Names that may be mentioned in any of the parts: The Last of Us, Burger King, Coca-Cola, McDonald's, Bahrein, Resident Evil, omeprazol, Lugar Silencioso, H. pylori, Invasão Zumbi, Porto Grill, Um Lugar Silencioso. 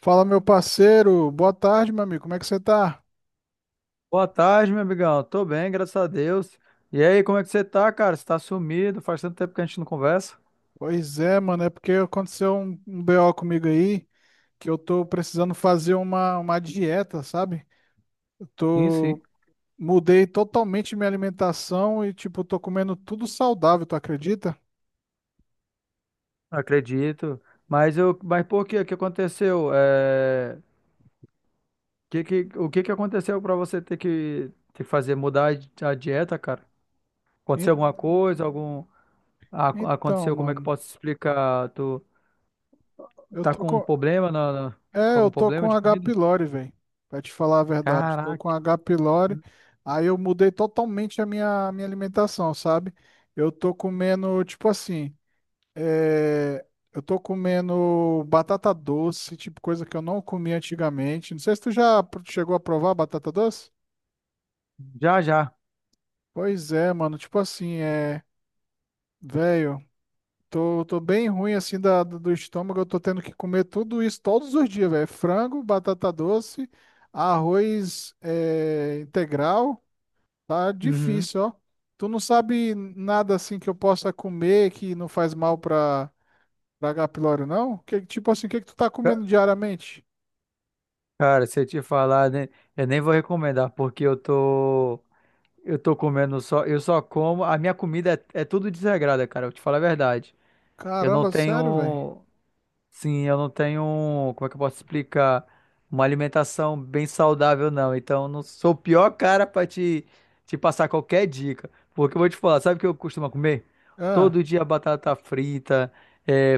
Fala, meu parceiro. Boa tarde, meu amigo. Como é que você tá? Boa tarde, meu amigão. Tô bem, graças a Deus. E aí, como é que você tá, cara? Você tá sumido? Faz tanto tempo que a gente não conversa? Pois é, mano. É porque aconteceu um BO comigo aí que eu tô precisando fazer uma dieta, sabe? Eu Sim, sim, tô. Mudei totalmente minha alimentação e, tipo, tô comendo tudo saudável, tu acredita? acredito. Mas por quê? O que aconteceu? O que que aconteceu pra você ter que fazer mudar a dieta, cara? Aconteceu En- alguma coisa? Então, Aconteceu? Como é que eu mano, posso explicar? Tu eu tá tô com um com. problema É, com eu algum tô problema com de H. comida? pylori, velho. Pra te falar a verdade. Tô com Caraca, H. pylori. Aí eu mudei totalmente a minha alimentação, sabe? Eu tô comendo, tipo assim. É, eu tô comendo batata doce, tipo coisa que eu não comia antigamente. Não sei se tu já chegou a provar batata doce? já já. Pois é, mano. Tipo assim, é. Velho, tô bem ruim assim da, do estômago. Eu tô tendo que comer tudo isso todos os dias, velho. Frango, batata doce, arroz é, integral. Tá Uhum. difícil, ó. Tu não sabe nada assim que eu possa comer que não faz mal pra, pra H. pylori, não? Que, tipo assim, o que que tu tá comendo diariamente? Cara, se eu te falar, né, eu nem vou recomendar, porque eu tô comendo só, a minha comida é, é tudo desregrada, cara, eu te falo a verdade. Eu não Caramba, sério, velho? tenho, sim, eu não tenho, um, como é que eu posso explicar? Uma alimentação bem saudável, não. Então, eu não sou o pior cara pra te passar qualquer dica. Porque eu vou te falar, sabe o que eu costumo comer? Ah, Todo dia batata frita, é,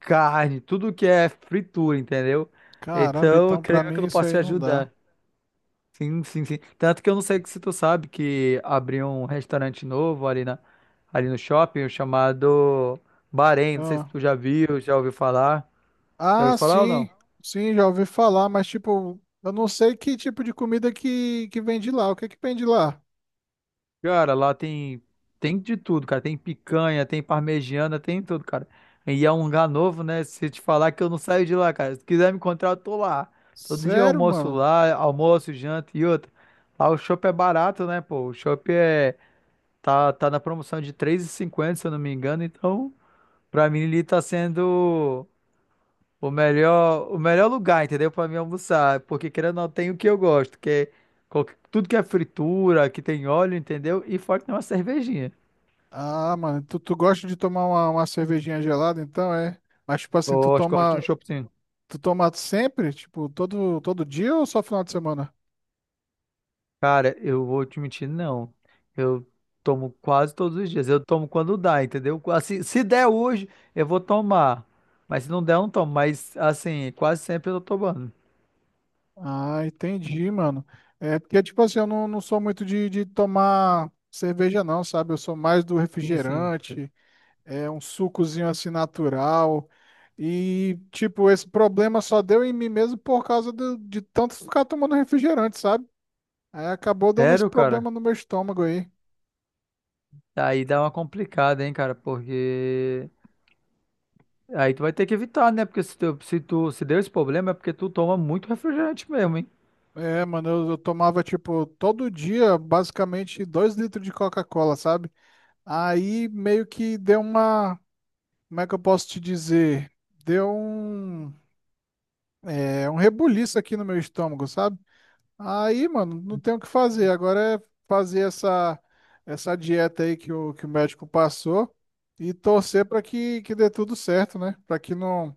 carne, tudo que é fritura, entendeu? caramba, Então, eu então pra creio que eu mim não isso posso aí te não dá. ajudar. Sim, sim, sim. Tanto que eu não sei se tu sabe que abriu um restaurante novo ali no shopping chamado Bahrein. Não sei se Ah, tu já viu, já ouviu falar. Já ah, ouviu falar ou sim, não? sim, já ouvi falar, mas tipo, eu não sei que tipo de comida que vende lá. O que que vende lá? Cara, lá tem de tudo, cara. Tem picanha, tem parmegiana, tem tudo, cara. E é um lugar novo, né? Se eu te falar que eu não saio de lá, cara. Se quiser me encontrar, eu tô lá. Todo dia eu Sério, almoço mano? lá, almoço, janta e outra. Lá o chopp é barato, né, pô? O chopp tá na promoção de 3,50 se eu não me engano, então. Pra mim, ali tá sendo o melhor lugar, entendeu? Pra mim almoçar. Porque querendo ou não, tem o que eu gosto, que é tudo que é fritura, que tem óleo, entendeu? E fora que tem uma cervejinha. Ah, mano, tu gosta de tomar uma cervejinha gelada, então é? Mas tipo assim, Gosto, gosto de um choppzinho. tu toma sempre? Tipo, todo dia ou só final de semana? Cara, eu vou te mentir, não. Eu tomo quase todos os dias. Eu tomo quando dá, entendeu? Assim, se der hoje, eu vou tomar. Mas se não der, eu não tomo. Mas, assim, quase sempre eu tô tomando. Ah, entendi, mano. É porque, tipo assim, eu não, não sou muito de tomar cerveja, não, sabe? Eu sou mais do Sim, sim. refrigerante, é um sucozinho assim natural. E, tipo, esse problema só deu em mim mesmo por causa de tanto ficar tomando refrigerante, sabe? Aí acabou dando esse Sério, cara? problema no meu estômago aí. Aí dá uma complicada, hein, cara? Porque. Aí tu vai ter que evitar, né? Porque se tu se deu esse problema é porque tu toma muito refrigerante mesmo, hein? É, mano, eu tomava, tipo, todo dia, basicamente, dois litros de Coca-Cola, sabe? Aí meio que deu uma. Como é que eu posso te dizer? Deu um. É um rebuliço aqui no meu estômago, sabe? Aí, mano, não tem o que fazer. Agora é fazer essa dieta aí que o médico passou e torcer para que, que dê tudo certo, né? Para que não,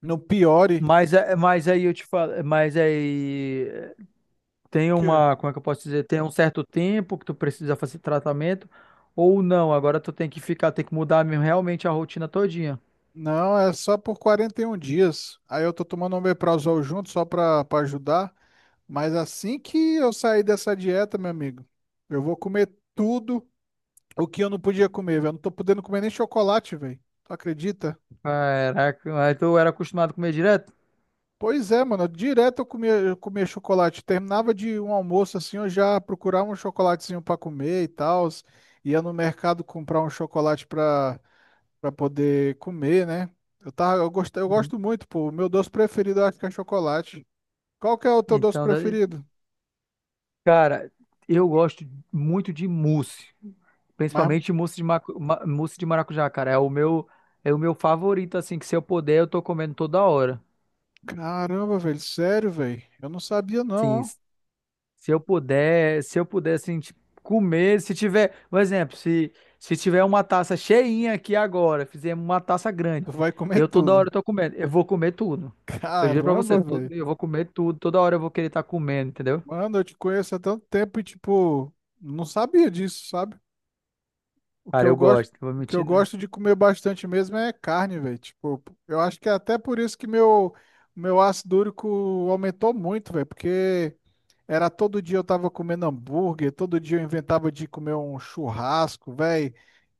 não piore. Mas, é- mas aí eu te falo, mas aí é, tem Que... uma, como é que eu posso dizer? Tem um certo tempo que tu precisa fazer tratamento ou não. Agora tu tem que ficar, tem que mudar mesmo realmente a rotina todinha. Não, é só por 41 dias. Aí eu tô tomando omeprazol junto só para ajudar. Mas assim que eu sair dessa dieta, meu amigo, eu vou comer tudo o que eu não podia comer, velho. Eu não tô podendo comer nem chocolate, velho. Tu acredita? Caraca, mas tu era acostumado a comer direto? Pois é, mano. Direto eu comia chocolate. Terminava de um almoço assim, eu já procurava um chocolatezinho pra comer e tal. Ia no mercado comprar um chocolate pra para poder comer, né? Eu tava, eu Uhum. gosto muito, pô. O meu doce preferido eu acho que é chocolate. Qual que é o teu doce Então, da- preferido? Cara, eu gosto muito de mousse, Mas principalmente mousse de maracujá, cara. É o meu favorito, assim, que se eu puder, eu tô comendo toda hora. caramba, velho, sério, velho. Eu não sabia Sim, não, ó. s- se eu puder, se eu puder, assim, tipo, comer, se tiver, por exemplo, se tiver uma taça cheinha aqui agora, fizemos uma taça grande, Tu vai comer eu toda tudo. hora tô comendo, eu vou comer tudo. Eu juro pra você, Caramba, velho. eu vou comer tudo, toda hora eu vou querer estar comendo, entendeu? Mano, eu te conheço há tanto tempo e tipo, não sabia disso, sabe? O que Cara, eu eu gosto, gosto, não vou o que eu mentir, né? gosto de comer bastante mesmo é carne, velho. Tipo, eu acho que é até por isso que meu ácido úrico aumentou muito, velho, porque era todo dia eu tava comendo hambúrguer, todo dia eu inventava de comer um churrasco, velho.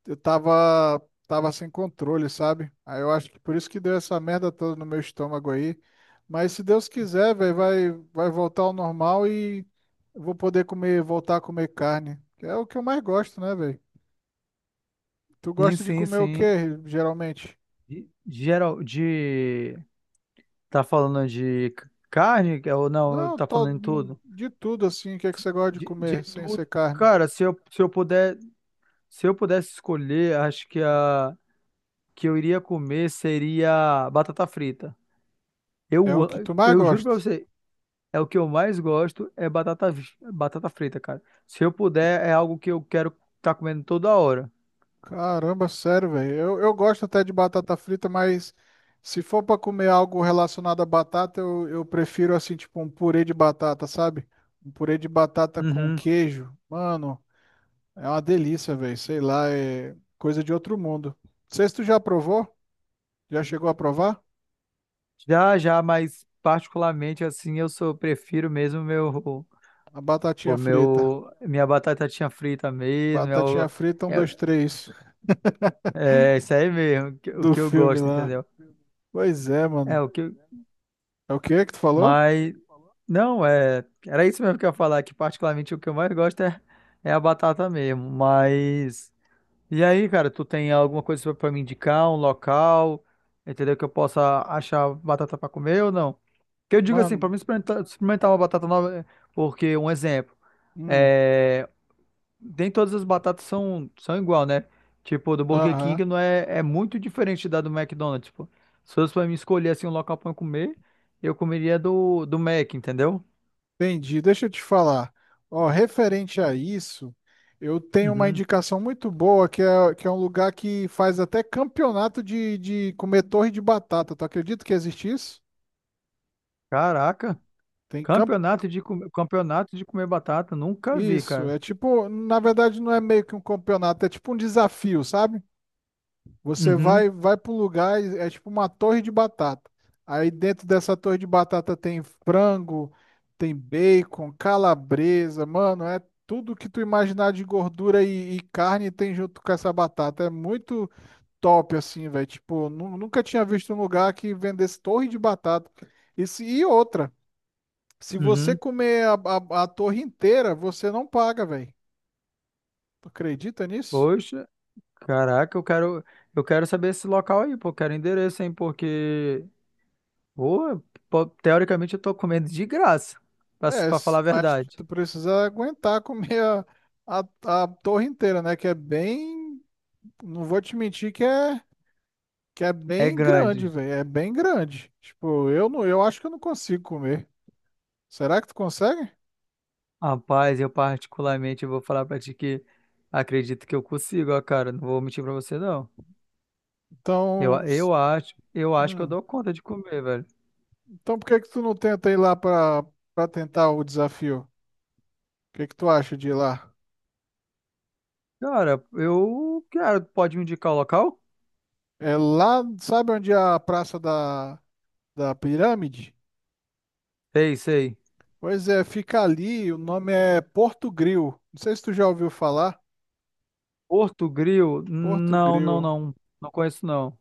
Eu tava tava sem controle, sabe? Aí eu acho que por isso que deu essa merda toda no meu estômago aí. Mas se Deus quiser, velho, vai voltar ao normal e eu vou poder comer, voltar a comer carne, que é o que eu mais gosto, né, velho? Tu Sim, gosta de sim, comer o sim. quê, geralmente? E Geral, de. Tá falando de carne? É, Ou não, Não, tá falando tô em tudo? de tudo assim. O que é que você gosta de De comer sem ser tudo. carne? Cara, se eu puder, se eu pudesse escolher, acho que a que eu iria comer seria batata frita. É o que tu mais Eu juro pra gosta. você, é o que eu mais gosto, é batata frita, cara. Se eu puder, é algo que eu quero estar comendo toda hora. Caramba, sério, velho. Eu gosto até de batata frita, mas se for pra comer algo relacionado a batata, eu prefiro assim, tipo um purê de batata, sabe? Um purê de batata com Uhum. queijo. Mano, é uma delícia, velho. Sei lá, é coisa de outro mundo. Não sei se tu já provou? Já chegou a provar? Já, já, mas particularmente assim, eu sou, prefiro mesmo meu. A batatinha frita. Minha batata tinha frita mesmo, Batatinha frita, um, dois, três. é, é isso aí mesmo, o Do que eu filme gosto, lá. entendeu? Pois é, É mano. o que, eu- É o que que tu falou? mas não é, era isso mesmo que eu ia falar, que particularmente o que eu mais gosto é, é a batata mesmo, mas e aí, cara, tu tem alguma coisa pra pra me indicar, um local, entendeu, que eu possa achar batata pra comer ou não? Que eu digo assim, Mano, pra mim experimentar, experimentar uma batata nova, porque um exemplo, hum, é, nem todas as batatas são, são igual, né? Tipo, do Burger King aham, não é, é muito diferente da do McDonald's. Tipo, se fosse pra mim escolher assim um local pra eu comer, eu comeria do, do Mac, entendeu? entendi. Deixa eu te falar. Ó, referente a isso, eu tenho uma Uhum. indicação muito boa que é um lugar que faz até campeonato de comer torre de batata. Tu acredita que existe isso? Caraca, Tem camp... campeonato de comer batata, nunca vi, Isso, cara. é tipo, na verdade não é meio que um campeonato, é tipo um desafio, sabe? Você Uhum. Vai para um lugar, e é tipo uma torre de batata. Aí dentro dessa torre de batata tem frango, tem bacon, calabresa, mano, é tudo que tu imaginar de gordura e carne tem junto com essa batata. É muito top assim, velho. Tipo, nunca tinha visto um lugar que vendesse torre de batata. E, e outra, se você Uhum. comer a, a torre inteira, você não paga, velho. Tu acredita nisso? Poxa, caraca, eu quero saber esse local aí, pô, eu quero endereço, hein, porque pô, teoricamente eu tô comendo de graça, pra, se- É, pra falar a mas verdade. tu precisa aguentar comer a torre inteira, né? Que é bem. Não vou te mentir que é É bem grande. grande, velho. É bem grande. Tipo, eu não, eu acho que eu não consigo comer. Será que tu consegue? Rapaz, eu particularmente vou falar pra ti que acredito que eu consigo, ó, cara. Não vou mentir pra você, não. Então, s- Eu acho que eu hum, dou conta de comer, velho. então por que que tu não tenta ir lá pra, pra tentar o desafio? O que que tu acha de ir lá? Cara, pode me indicar o local? É lá, sabe onde é a Praça da, da Pirâmide? Sei, sei. Pois é, fica ali, o nome é Porto Gril. Não sei se tu já ouviu falar. Porto Grill? Porto Não, não, Grill. não. Não conheço, não.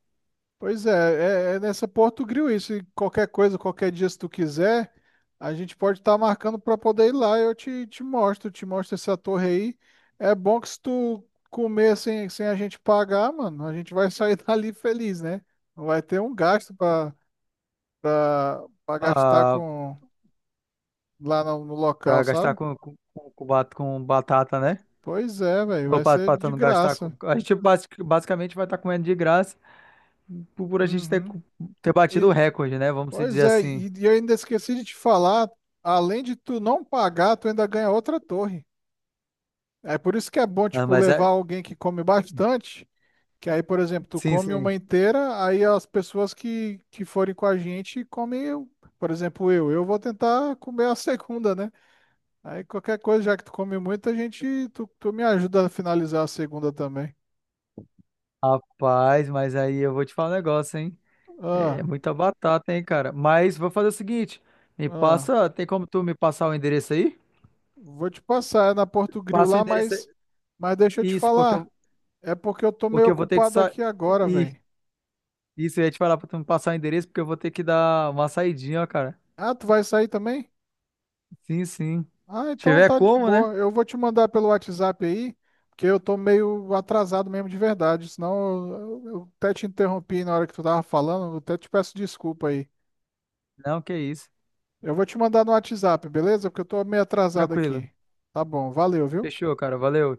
Pois é, é nessa Porto Grill isso. E qualquer coisa, qualquer dia, se tu quiser, a gente pode estar marcando para poder ir lá. Te mostro essa torre aí. É bom que se tu comer sem, sem a gente pagar, mano, a gente vai sair dali feliz, né? Não vai ter um gasto para para gastar Ah, com lá no, no local, pra gastar sabe? Com com batata, né? Pois é, velho, Ou vai ser pra tu de não gastar graça. com... A gente basicamente vai estar comendo de graça por a gente ter, Uhum. ter batido o recorde, né? Vamos se Pois dizer é, assim. e eu ainda esqueci de te falar, além de tu não pagar, tu ainda ganha outra torre. É por isso que é bom, Ah, tipo, mas levar é... alguém que come bastante, que aí, por exemplo, tu Sim, come sim. uma inteira, aí as pessoas que forem com a gente comem, eu. Por exemplo, eu. Eu vou tentar comer a segunda, né? Aí qualquer coisa, já que tu come muito, a gente, tu me ajuda a finalizar a segunda também. Rapaz, mas aí eu vou te falar um negócio, hein? É Ah, muita batata, hein, cara? Mas vou fazer o seguinte: me ah, passa, tem como tu me passar o endereço aí? vou te passar, é na Porto Grill Passa o lá, endereço, mas deixa eu te isso, falar. É porque eu tô meio porque eu vou ter que ocupado sair. aqui agora, velho. Isso, eu ia te falar pra tu me passar o endereço, porque eu vou ter que dar uma saidinha, ó, cara. Ah, tu vai sair também? Sim, sim. Ah, Se então tiver tá de como, né? boa. Eu vou te mandar pelo WhatsApp aí, porque eu tô meio atrasado mesmo de verdade. Senão eu até te interrompi na hora que tu tava falando, eu até te peço desculpa aí. Não, que isso. Eu vou te mandar no WhatsApp, beleza? Porque eu tô meio atrasado Tranquilo. aqui. Tá bom, valeu, viu? Fechou, cara. Valeu.